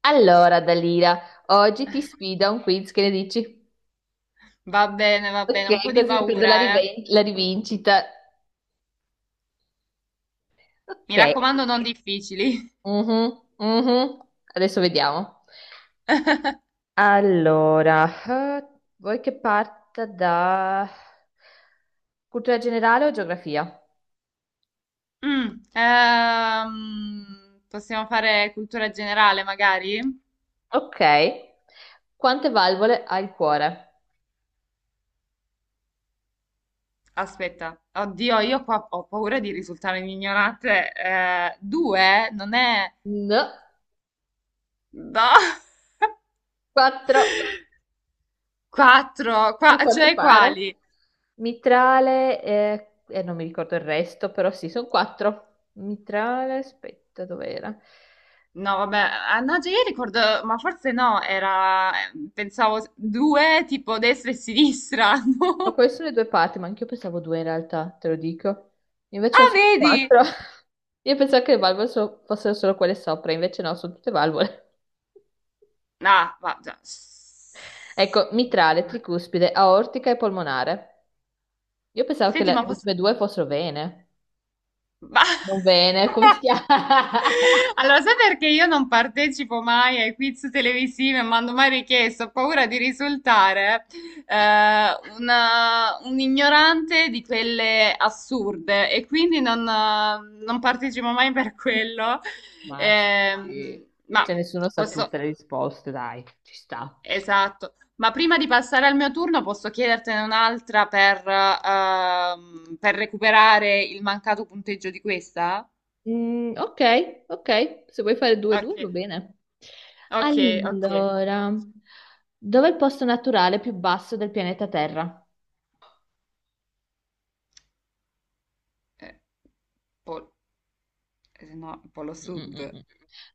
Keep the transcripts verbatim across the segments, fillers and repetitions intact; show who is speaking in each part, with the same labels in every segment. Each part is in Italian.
Speaker 1: Allora, Dalira, oggi ti sfido a un quiz, che ne dici?
Speaker 2: Va bene, va bene, un
Speaker 1: Ok,
Speaker 2: po' di
Speaker 1: così mi prendo la,
Speaker 2: paura, eh.
Speaker 1: riven- la rivincita.
Speaker 2: Mi
Speaker 1: Ok,
Speaker 2: raccomando, non difficili.
Speaker 1: mhm, mhm. Adesso vediamo. Allora, eh, vuoi che parta da cultura generale o geografia?
Speaker 2: Mm, ehm, possiamo fare cultura generale, magari?
Speaker 1: Ok, quante valvole ha il cuore?
Speaker 2: Aspetta, oddio, io qua ho paura di risultare ignorante. Eh, due? Non è.
Speaker 1: No,
Speaker 2: No!
Speaker 1: quattro.
Speaker 2: Quattro?
Speaker 1: A
Speaker 2: Qua-
Speaker 1: quanto
Speaker 2: cioè
Speaker 1: pare.
Speaker 2: quali?
Speaker 1: Mitrale eh, e non mi ricordo il resto, però sì, sono quattro. Mitrale, aspetta, dov'era?
Speaker 2: No, vabbè, ah, no, cioè io ricordo, ma forse no, era... eh, pensavo due, tipo destra e sinistra,
Speaker 1: No,
Speaker 2: no?
Speaker 1: queste sono le due parti, ma anch'io pensavo due in realtà, te lo dico. Invece ne
Speaker 2: Ah,
Speaker 1: sono
Speaker 2: vedi?
Speaker 1: quattro. Io pensavo che le valvole so- fossero solo quelle sopra, invece no, sono tutte valvole.
Speaker 2: Ah, va, già.
Speaker 1: Ecco, mitrale, tricuspide, aortica e polmonare. Io pensavo che
Speaker 2: Senti,
Speaker 1: le
Speaker 2: ma posso.
Speaker 1: ultime due fossero vene.
Speaker 2: ma-
Speaker 1: Non vene, come si chiama?
Speaker 2: Allora, sai perché io non partecipo mai ai quiz televisivi e mando mai richieste? Ho paura di risultare eh, una- un ignorante di quelle assurde e quindi non, eh, non partecipo mai per quello.
Speaker 1: Ma sì,
Speaker 2: Ehm, ma
Speaker 1: cioè nessuno sa
Speaker 2: posso.
Speaker 1: tutte le risposte, dai, ci sta.
Speaker 2: Esatto, ma prima di passare al mio turno posso chiedertene un'altra per, ehm, per recuperare il mancato punteggio di questa?
Speaker 1: Mm, ok, ok, se vuoi fare due due
Speaker 2: Ok,
Speaker 1: va bene.
Speaker 2: ok, ok.
Speaker 1: Allora,
Speaker 2: Faccio.
Speaker 1: dov'è il posto naturale più basso del pianeta Terra?
Speaker 2: Eh, pol- eh, no, Polo
Speaker 1: Mm,
Speaker 2: Sud.
Speaker 1: mm, mm.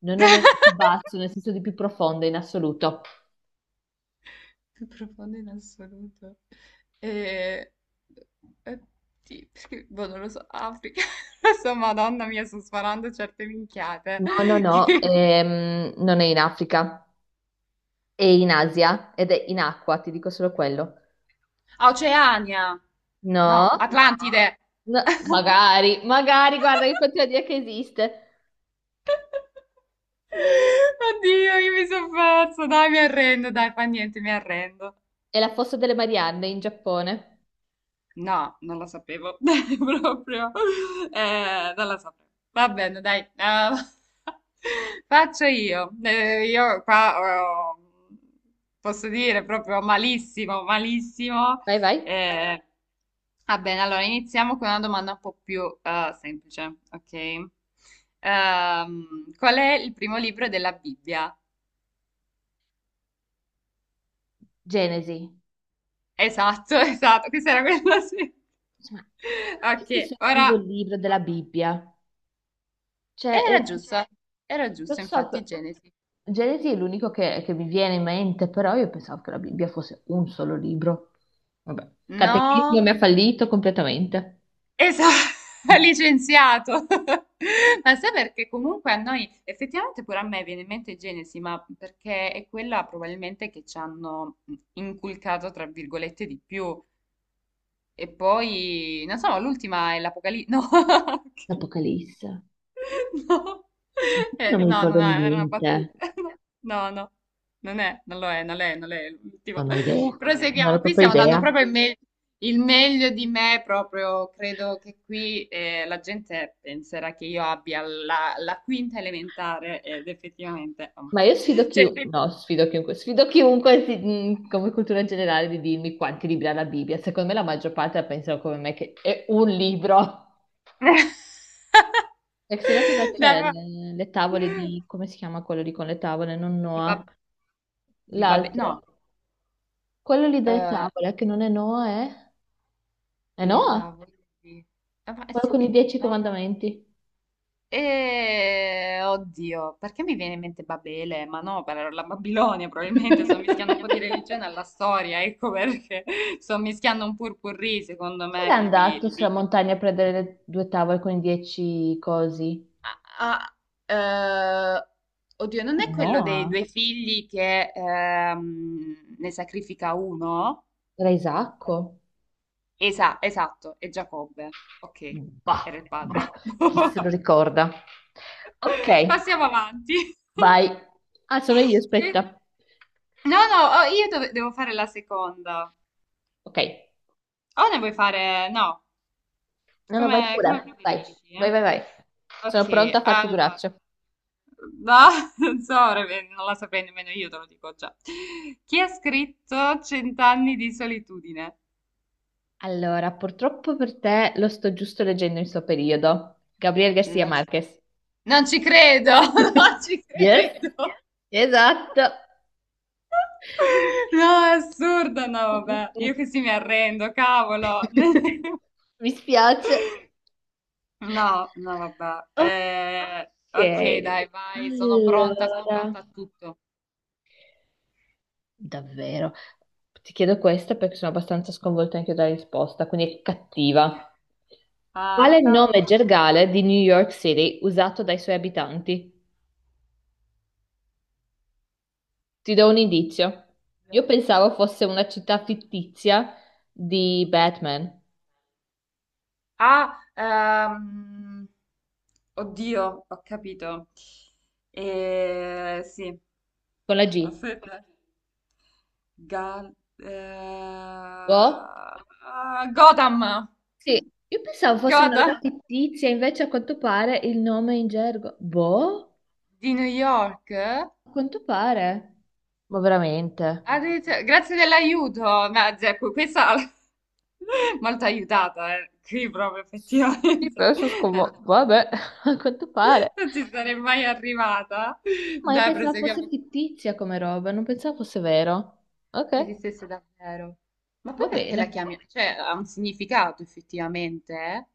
Speaker 1: No, no, no, più basso, nel senso di più profondo in assoluto.
Speaker 2: Più profondo in assoluto. Eh, eh, sì, perché, boh, non lo so, Africa. Adesso, Madonna mia, sto sparando certe minchiate.
Speaker 1: No, no, no,
Speaker 2: Che.
Speaker 1: ehm, non è in Africa, è in Asia ed è in acqua, ti dico solo quello.
Speaker 2: A Oceania. No,
Speaker 1: No,
Speaker 2: Atlantide.
Speaker 1: no, magari, magari, guarda che continua a dire che esiste.
Speaker 2: Oddio, io mi sono perso. Dai, mi arrendo, dai, fa niente, mi arrendo.
Speaker 1: È la fossa delle Marianne in Giappone.
Speaker 2: No, non la sapevo proprio. Eh, non la sapevo. Va bene, dai. Eh, faccio io. Eh, io qua oh, posso dire proprio malissimo, malissimo.
Speaker 1: Vai, vai.
Speaker 2: Eh, Va bene, allora iniziamo con una domanda un po' più eh, semplice, ok? Ehm, qual è il primo libro della Bibbia?
Speaker 1: Genesi.
Speaker 2: Esatto, esatto, questa era quella sì.
Speaker 1: Insomma,
Speaker 2: Ok,
Speaker 1: questo è il suo
Speaker 2: ora.
Speaker 1: primo libro
Speaker 2: No.
Speaker 1: della Bibbia. Cioè,
Speaker 2: Era
Speaker 1: eh,
Speaker 2: giusto, era
Speaker 1: lo
Speaker 2: giusto,
Speaker 1: so,
Speaker 2: infatti,
Speaker 1: che-
Speaker 2: Genesi.
Speaker 1: Genesi è l'unico che, che mi viene in mente, però io pensavo che la Bibbia fosse un solo libro. Vabbè. Catechismo
Speaker 2: No,
Speaker 1: mi ha fallito completamente.
Speaker 2: esatto, licenziato. Ma sai perché comunque a noi, effettivamente pure a me viene in mente Genesi, ma perché è quella probabilmente che ci hanno inculcato, tra virgolette, di più. E poi, non so, l'ultima è l'Apocalisse. No, ok.
Speaker 1: Apocalisse.
Speaker 2: No, Eh,
Speaker 1: Non mi
Speaker 2: no, no,
Speaker 1: ricordo
Speaker 2: no, era una
Speaker 1: niente.
Speaker 2: battuta. No, no, non è, non lo è, non lo è, non lo è l'ultimo.
Speaker 1: Non ho idea.
Speaker 2: Eh,
Speaker 1: Non ho
Speaker 2: Proseguiamo, qui
Speaker 1: proprio
Speaker 2: stiamo
Speaker 1: idea.
Speaker 2: dando proprio il, me- il meglio di me, proprio credo che qui eh, la gente penserà che io abbia la, la quinta elementare ed effettivamente. Oh.
Speaker 1: Ma io sfido
Speaker 2: Cioè,
Speaker 1: chiunque,
Speaker 2: pe-
Speaker 1: no, sfido chiunque, sfido chiunque si- mh, come cultura generale di dirmi quanti libri ha la Bibbia. Secondo me la maggior parte la pensano come me che è un libro. E se no cosa
Speaker 2: Dai,
Speaker 1: c'è?
Speaker 2: va-
Speaker 1: Le, le tavole di, come si chiama quello lì con le tavole? Non
Speaker 2: di,
Speaker 1: Noah.
Speaker 2: bab- di babbe... no.
Speaker 1: L'altro. Quello lì delle tavole che non è Noah è... È
Speaker 2: Le
Speaker 1: Noah?
Speaker 2: tavole di. Ah, ma- eh
Speaker 1: Quello con i
Speaker 2: sì,
Speaker 1: dieci
Speaker 2: no?
Speaker 1: comandamenti.
Speaker 2: E... Oddio, perché mi viene in mente Babele? Ma no, per la Babilonia probabilmente sto mischiando un po' di religione alla storia, ecco perché sto mischiando un purpurri secondo
Speaker 1: Chi era
Speaker 2: me qui.
Speaker 1: andato sulla
Speaker 2: di-
Speaker 1: montagna a prendere le due tavole con i dieci cosi?
Speaker 2: Ah, ah, eh, oddio, non è quello dei
Speaker 1: Noah.
Speaker 2: due figli che ehm, ne sacrifica uno?
Speaker 1: Era Isacco.
Speaker 2: Esa- esatto, è Giacobbe. Ok,
Speaker 1: Bah,
Speaker 2: era il
Speaker 1: bah,
Speaker 2: padre.
Speaker 1: chi se lo ricorda? Ok,
Speaker 2: Passiamo avanti.
Speaker 1: vai. Ah, sono io,
Speaker 2: Che-
Speaker 1: aspetta.
Speaker 2: No, no, oh, io dove- devo fare la seconda.
Speaker 1: Ok,
Speaker 2: O ne vuoi fare? No,
Speaker 1: no, no, vai
Speaker 2: come,
Speaker 1: pure.
Speaker 2: come
Speaker 1: Vai,
Speaker 2: preferisci, eh?
Speaker 1: vai, vai, vai. Sono pronta
Speaker 2: Ok,
Speaker 1: a far
Speaker 2: allora.
Speaker 1: figuracce.
Speaker 2: No, non so, ora ve- non la saprei nemmeno io, te lo dico già. Chi ha scritto Cent'anni di solitudine?
Speaker 1: Allora, purtroppo per te lo sto giusto leggendo in suo periodo. Gabriel Garcia
Speaker 2: Non ci,
Speaker 1: Marquez.
Speaker 2: non ci credo, non ci
Speaker 1: Yes,
Speaker 2: credo.
Speaker 1: esatto.
Speaker 2: No, è assurdo,
Speaker 1: Mm,
Speaker 2: no,
Speaker 1: mm,
Speaker 2: vabbè, io
Speaker 1: mm.
Speaker 2: così mi arrendo, cavolo.
Speaker 1: Mi spiace.
Speaker 2: No, no, vabbè.
Speaker 1: Ok,
Speaker 2: Eh, ok, dai, vai, sono pronta, sono
Speaker 1: allora.
Speaker 2: pronta a tutto.
Speaker 1: Davvero. Ti chiedo questo perché sono abbastanza sconvolta anche io dalla risposta, quindi è cattiva.
Speaker 2: Ah,
Speaker 1: Quale nome
Speaker 2: cavolo.
Speaker 1: gergale di New York City usato dai suoi abitanti? Ti do un indizio. Io pensavo fosse una città fittizia di Batman,
Speaker 2: Ah, ehm, oddio, ho capito. Eh, sì,
Speaker 1: con la G.
Speaker 2: aspetta. Gal... eh,
Speaker 1: Oh?
Speaker 2: ah, Gotham,
Speaker 1: Sì, io pensavo fosse una roba
Speaker 2: Gotham
Speaker 1: fittizia, invece a quanto pare il nome è in gergo. Boh?
Speaker 2: di New York?
Speaker 1: A quanto pare. Ma veramente?
Speaker 2: Addirittura- Grazie dell'aiuto, ma, cioè, que- questa molto aiutata, eh. Qui proprio
Speaker 1: Sì,
Speaker 2: effettivamente
Speaker 1: però sono
Speaker 2: non,
Speaker 1: sconvolta. Vabbè, a quanto pare.
Speaker 2: non ci sarei mai arrivata.
Speaker 1: Ma io
Speaker 2: Dai,
Speaker 1: pensavo fosse
Speaker 2: proseguiamo.
Speaker 1: fittizia come roba, non pensavo fosse vero.
Speaker 2: Che
Speaker 1: Ok,
Speaker 2: esistesse davvero. Ma poi
Speaker 1: va
Speaker 2: perché la
Speaker 1: bene.
Speaker 2: chiami? Cioè, ha un significato effettivamente, eh?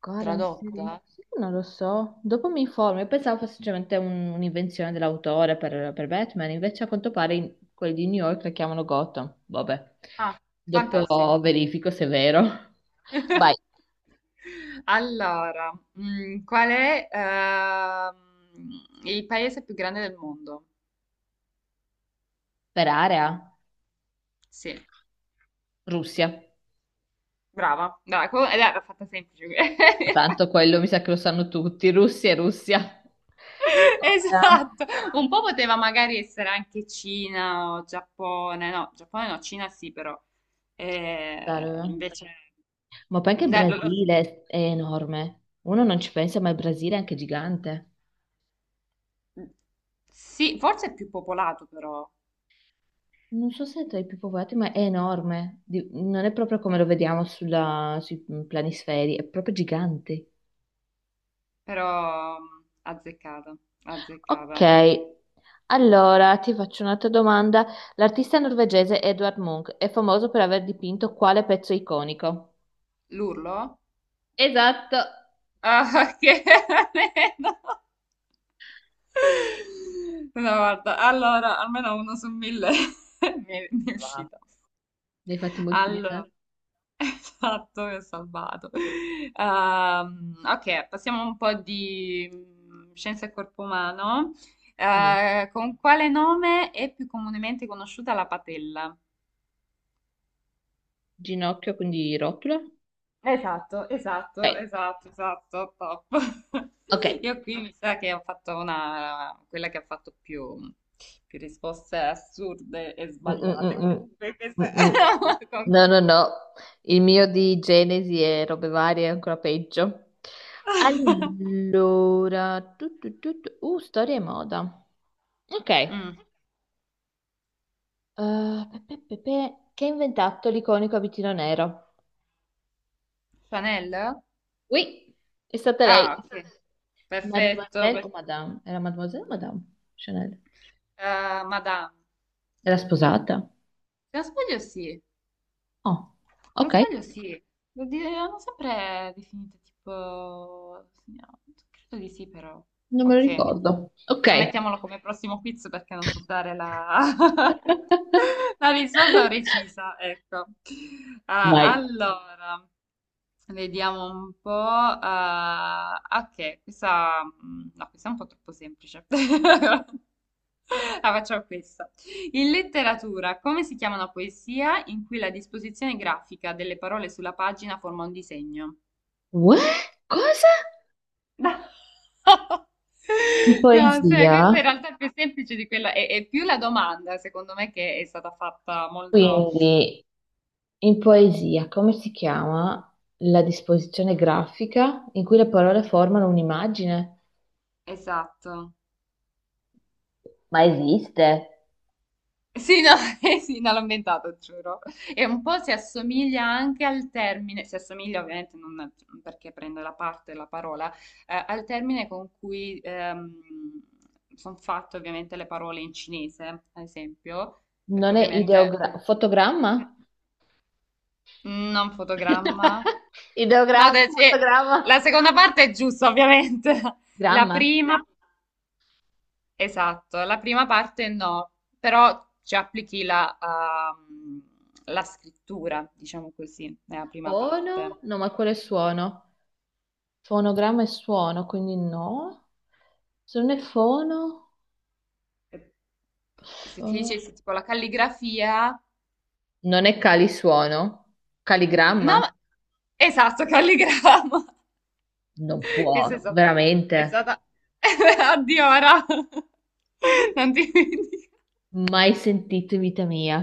Speaker 1: Guarda, un seri-
Speaker 2: Tradotta?
Speaker 1: sì, non lo so. Dopo mi informo. Io pensavo fosse semplicemente un- un'invenzione dell'autore per, per Batman, invece a quanto pare in- quelli di New York la chiamano Gotham. Vabbè,
Speaker 2: Ah,
Speaker 1: dopo
Speaker 2: fantastico.
Speaker 1: verifico se è vero. Vai,
Speaker 2: Allora, mm, qual è ehm, il paese più grande del mondo?
Speaker 1: per area,
Speaker 2: Sì.
Speaker 1: Russia.
Speaker 2: Brava, brava, que- eh, era fatta semplice.
Speaker 1: Tanto quello mi sa che lo sanno tutti, Russia e Russia. Ora,
Speaker 2: Esatto, un po' poteva magari essere anche Cina o Giappone, no, Giappone no, Cina sì però.
Speaker 1: dai,
Speaker 2: Eh,
Speaker 1: dov'è?
Speaker 2: invece
Speaker 1: Ma poi anche il
Speaker 2: dai, lo- lo-
Speaker 1: Brasile è enorme. Uno non ci pensa, ma il Brasile è anche gigante.
Speaker 2: sì, forse è più popolato però,
Speaker 1: Non so se è tra i più popolati, ma è enorme. Di- non è proprio come lo vediamo sulla- sui planisferi, è proprio gigante.
Speaker 2: però mh, azzeccata,
Speaker 1: Ok,
Speaker 2: azzeccata.
Speaker 1: allora ti faccio un'altra domanda. L'artista norvegese Edvard Munch è famoso per aver dipinto quale pezzo iconico?
Speaker 2: L'urlo?
Speaker 1: Esatto.
Speaker 2: Ah, che almeno. No, guarda, allora, almeno uno su mille mi è, mi è
Speaker 1: Ah,
Speaker 2: uscito.
Speaker 1: ne hai fatti
Speaker 2: Allora,
Speaker 1: moltiplicare?
Speaker 2: esatto, mi ho salvato. Ehm, ok, passiamo un po' di mm, scienza e corpo umano.
Speaker 1: Mm.
Speaker 2: Eh, con quale nome è più comunemente conosciuta la patella?
Speaker 1: Ginocchio, quindi rotula?
Speaker 2: Esatto, esatto,
Speaker 1: Ok,
Speaker 2: esatto, esatto, top.
Speaker 1: ok.
Speaker 2: Io qui mi sa che ho fatto una, quella che ha fatto più, più risposte assurde e
Speaker 1: Mm, mm,
Speaker 2: sbagliate
Speaker 1: mm, mm.
Speaker 2: comunque.
Speaker 1: Mm,
Speaker 2: questa-
Speaker 1: mm.
Speaker 2: con-
Speaker 1: No, no, no, il mio di Genesi e robe varie è ancora peggio. Allora, tu, tu, tu, tu- uh, storia e moda. Ok,
Speaker 2: Mm.
Speaker 1: Uh, pe- pe- pe- pe- che ha inventato l'iconico abitino nero?
Speaker 2: Chanel?
Speaker 1: Oui, è stata lei.
Speaker 2: Ah, ok. Perfetto.
Speaker 1: Mademoiselle o
Speaker 2: per-
Speaker 1: Madame? Era Mademoiselle o Madame Chanel?
Speaker 2: eh, Madame.
Speaker 1: Era sposata?
Speaker 2: Se non sbaglio sì.
Speaker 1: Oh,
Speaker 2: Se non
Speaker 1: ok,
Speaker 2: sbaglio sì, lo di- l'hanno sempre definito tipo. Signora. Credo di sì però.
Speaker 1: non me lo
Speaker 2: Ok,
Speaker 1: ricordo. Ok.
Speaker 2: non mettiamolo come prossimo quiz perché non so dare la, la risposta precisa, ecco. Ah,
Speaker 1: Vai.
Speaker 2: allora, vediamo un po'. Ah, ok, questa, mm, no, questa è un po' troppo semplice. La facciamo questa. In letteratura, come si chiama una poesia in cui la disposizione grafica delle parole sulla pagina forma un disegno?
Speaker 1: What? Cosa? Di
Speaker 2: No, se- questa
Speaker 1: poesia,
Speaker 2: in realtà è più semplice di quella, è, è più la domanda, secondo me, che è stata fatta molto
Speaker 1: quindi in poesia, come si chiama la disposizione grafica in cui le parole formano un'immagine?
Speaker 2: esatto.
Speaker 1: Ma esiste?
Speaker 2: Sì, no, eh sì, no, l'ho inventato, giuro. E un po' si assomiglia anche al termine, si assomiglia ovviamente non perché prende la parte, la parola, eh, al termine con cui sono fatte ovviamente le parole in cinese, ad esempio, perché
Speaker 1: Non è
Speaker 2: ovviamente
Speaker 1: ideogramma, fotogramma?
Speaker 2: n- non fotogramma. No,
Speaker 1: Ideogramma,
Speaker 2: de- sì, la
Speaker 1: fotogramma,
Speaker 2: seconda parte è giusta, ovviamente. La
Speaker 1: gramma.
Speaker 2: prima. Esatto, la prima parte no, però ci applichi la, ehm, la scrittura, diciamo così, nella prima
Speaker 1: Fono?
Speaker 2: parte.
Speaker 1: No, ma quello è suono. Fonogramma è suono, quindi no. Se non è fono,
Speaker 2: E se ti
Speaker 1: fo-
Speaker 2: dicessi tipo la calligrafia,
Speaker 1: non è calisuono,
Speaker 2: no,
Speaker 1: caligramma.
Speaker 2: ma- esatto, calligrama,
Speaker 1: Non
Speaker 2: che è
Speaker 1: può,
Speaker 2: stata, è
Speaker 1: veramente.
Speaker 2: stata, addio ora, non ti.
Speaker 1: Mai sentito in vita mia.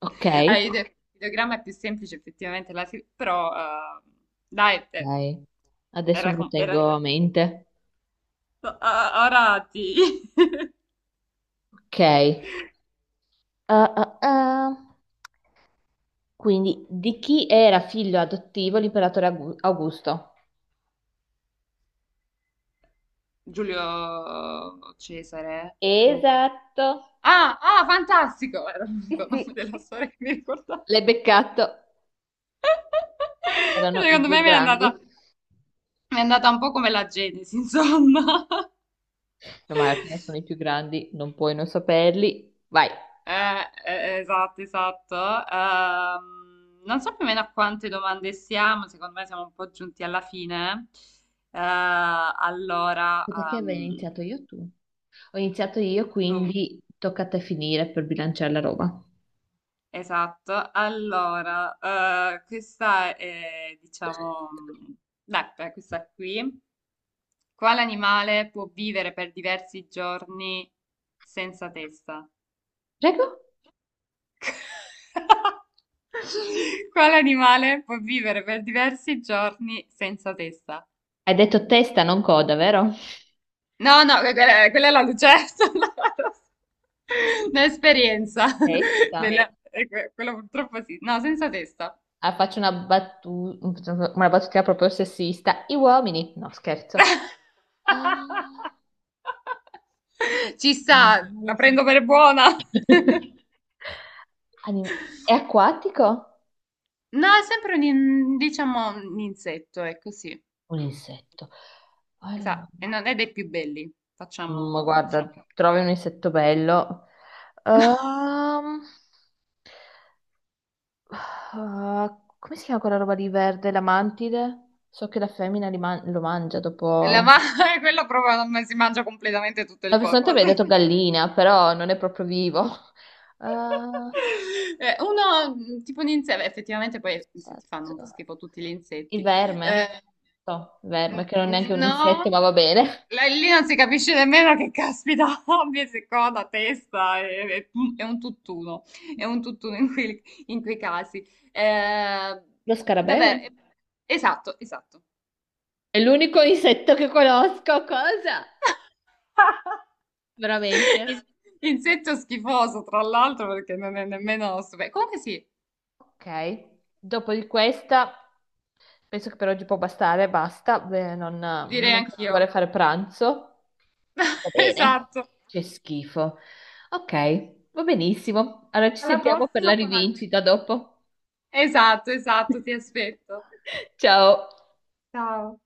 Speaker 1: Ok,
Speaker 2: Allora, il video- il videogramma è più semplice effettivamente, la, scri- però eh, dai, eh,
Speaker 1: ok. Adesso
Speaker 2: era,
Speaker 1: me lo
Speaker 2: com- era
Speaker 1: tengo a mente.
Speaker 2: A- Arati.
Speaker 1: Ok. Ah, ah, ah. Quindi, di chi era figlio adottivo l'imperatore Agu- Augusto?
Speaker 2: Giulio Cesare? No.
Speaker 1: Esatto.
Speaker 2: Ah, ah, fantastico! Era
Speaker 1: Sì,
Speaker 2: l'unico
Speaker 1: sì,
Speaker 2: nome della storia che mi ricordavo.
Speaker 1: l'hai beccato. Erano i
Speaker 2: Secondo
Speaker 1: due
Speaker 2: me mi è
Speaker 1: grandi.
Speaker 2: andata, mi è andata un po' come la Genesi, insomma.
Speaker 1: No, ma alla fine sono i più grandi, non puoi non saperli. Vai.
Speaker 2: Eh, eh, esatto, esatto. Ehm, non so più o meno a quante domande siamo, secondo me siamo un po' giunti alla fine. Eh, allora,
Speaker 1: Perché avevo
Speaker 2: ehm,
Speaker 1: iniziato io o tu? Ho iniziato io,
Speaker 2: Tu.
Speaker 1: quindi tocca a te finire per bilanciare la roba.
Speaker 2: Esatto, allora, eh, questa è, diciamo, beh, questa qui. Quale animale può vivere per diversi giorni senza testa?
Speaker 1: Prego?
Speaker 2: Quale animale può vivere per diversi giorni senza testa?
Speaker 1: Hai detto testa, non coda, vero?
Speaker 2: No, no, que- quella, quella è la lucertola. Un'esperienza. Sì.
Speaker 1: Testa?
Speaker 2: Della- eh, que- Quello purtroppo sì. No, senza testa.
Speaker 1: Ah, faccio una battuta, una battuta proprio sessista. I uomini, no, scherzo. Ah,
Speaker 2: Ci sta,
Speaker 1: animale
Speaker 2: la
Speaker 1: sen-
Speaker 2: prendo per buona.
Speaker 1: Anim- È acquatico?
Speaker 2: No, è sempre un, in- diciamo, un insetto, è così.
Speaker 1: Un insetto. Allora,
Speaker 2: Esatto, e non è dei più belli.
Speaker 1: ma
Speaker 2: Facciamo,
Speaker 1: guarda,
Speaker 2: diciamo.
Speaker 1: trovi un insetto bello. Ehm, ah, come si chiama quella roba di verde? La mantide? So che la femmina li man- lo mangia
Speaker 2: La
Speaker 1: dopo.
Speaker 2: ma- quello proprio non si mangia completamente tutto
Speaker 1: La
Speaker 2: il
Speaker 1: persona che
Speaker 2: corpo,
Speaker 1: mi ha
Speaker 2: sì.
Speaker 1: detto gallina, però non è proprio vivo. Ah,
Speaker 2: Eh, Uno, mh, tipo un insetto, effettivamente poi se ti fanno un po'
Speaker 1: insetto.
Speaker 2: schifo tutti gli
Speaker 1: Il
Speaker 2: insetti. Eh,
Speaker 1: verme. No, verme, che non è
Speaker 2: mh,
Speaker 1: neanche un insetto,
Speaker 2: no,
Speaker 1: ma va bene.
Speaker 2: là- lì non si capisce nemmeno che caspita abbia se coda, testa, è, è- è un tutt'uno, è un tutt'uno in quei, in quei casi. Eh,
Speaker 1: Lo scarabeo?
Speaker 2: Davvero, eh, esatto, esatto.
Speaker 1: È l'unico insetto che conosco, cosa? Veramente?
Speaker 2: Is- Insetto schifoso, tra l'altro, perché non è nemmeno. super- Comunque sì,
Speaker 1: Ok, dopo di questa, penso che per oggi può bastare, basta. Beh, non,
Speaker 2: direi
Speaker 1: non vorrei
Speaker 2: anch'io.
Speaker 1: fare pranzo. Va bene.
Speaker 2: Esatto.
Speaker 1: C'è schifo. Ok, va benissimo. Allora ci
Speaker 2: Alla
Speaker 1: sentiamo per la
Speaker 2: prossima con altri
Speaker 1: rivincita
Speaker 2: quiz.
Speaker 1: dopo.
Speaker 2: Esatto, esatto, ti aspetto.
Speaker 1: Ciao.
Speaker 2: Ciao.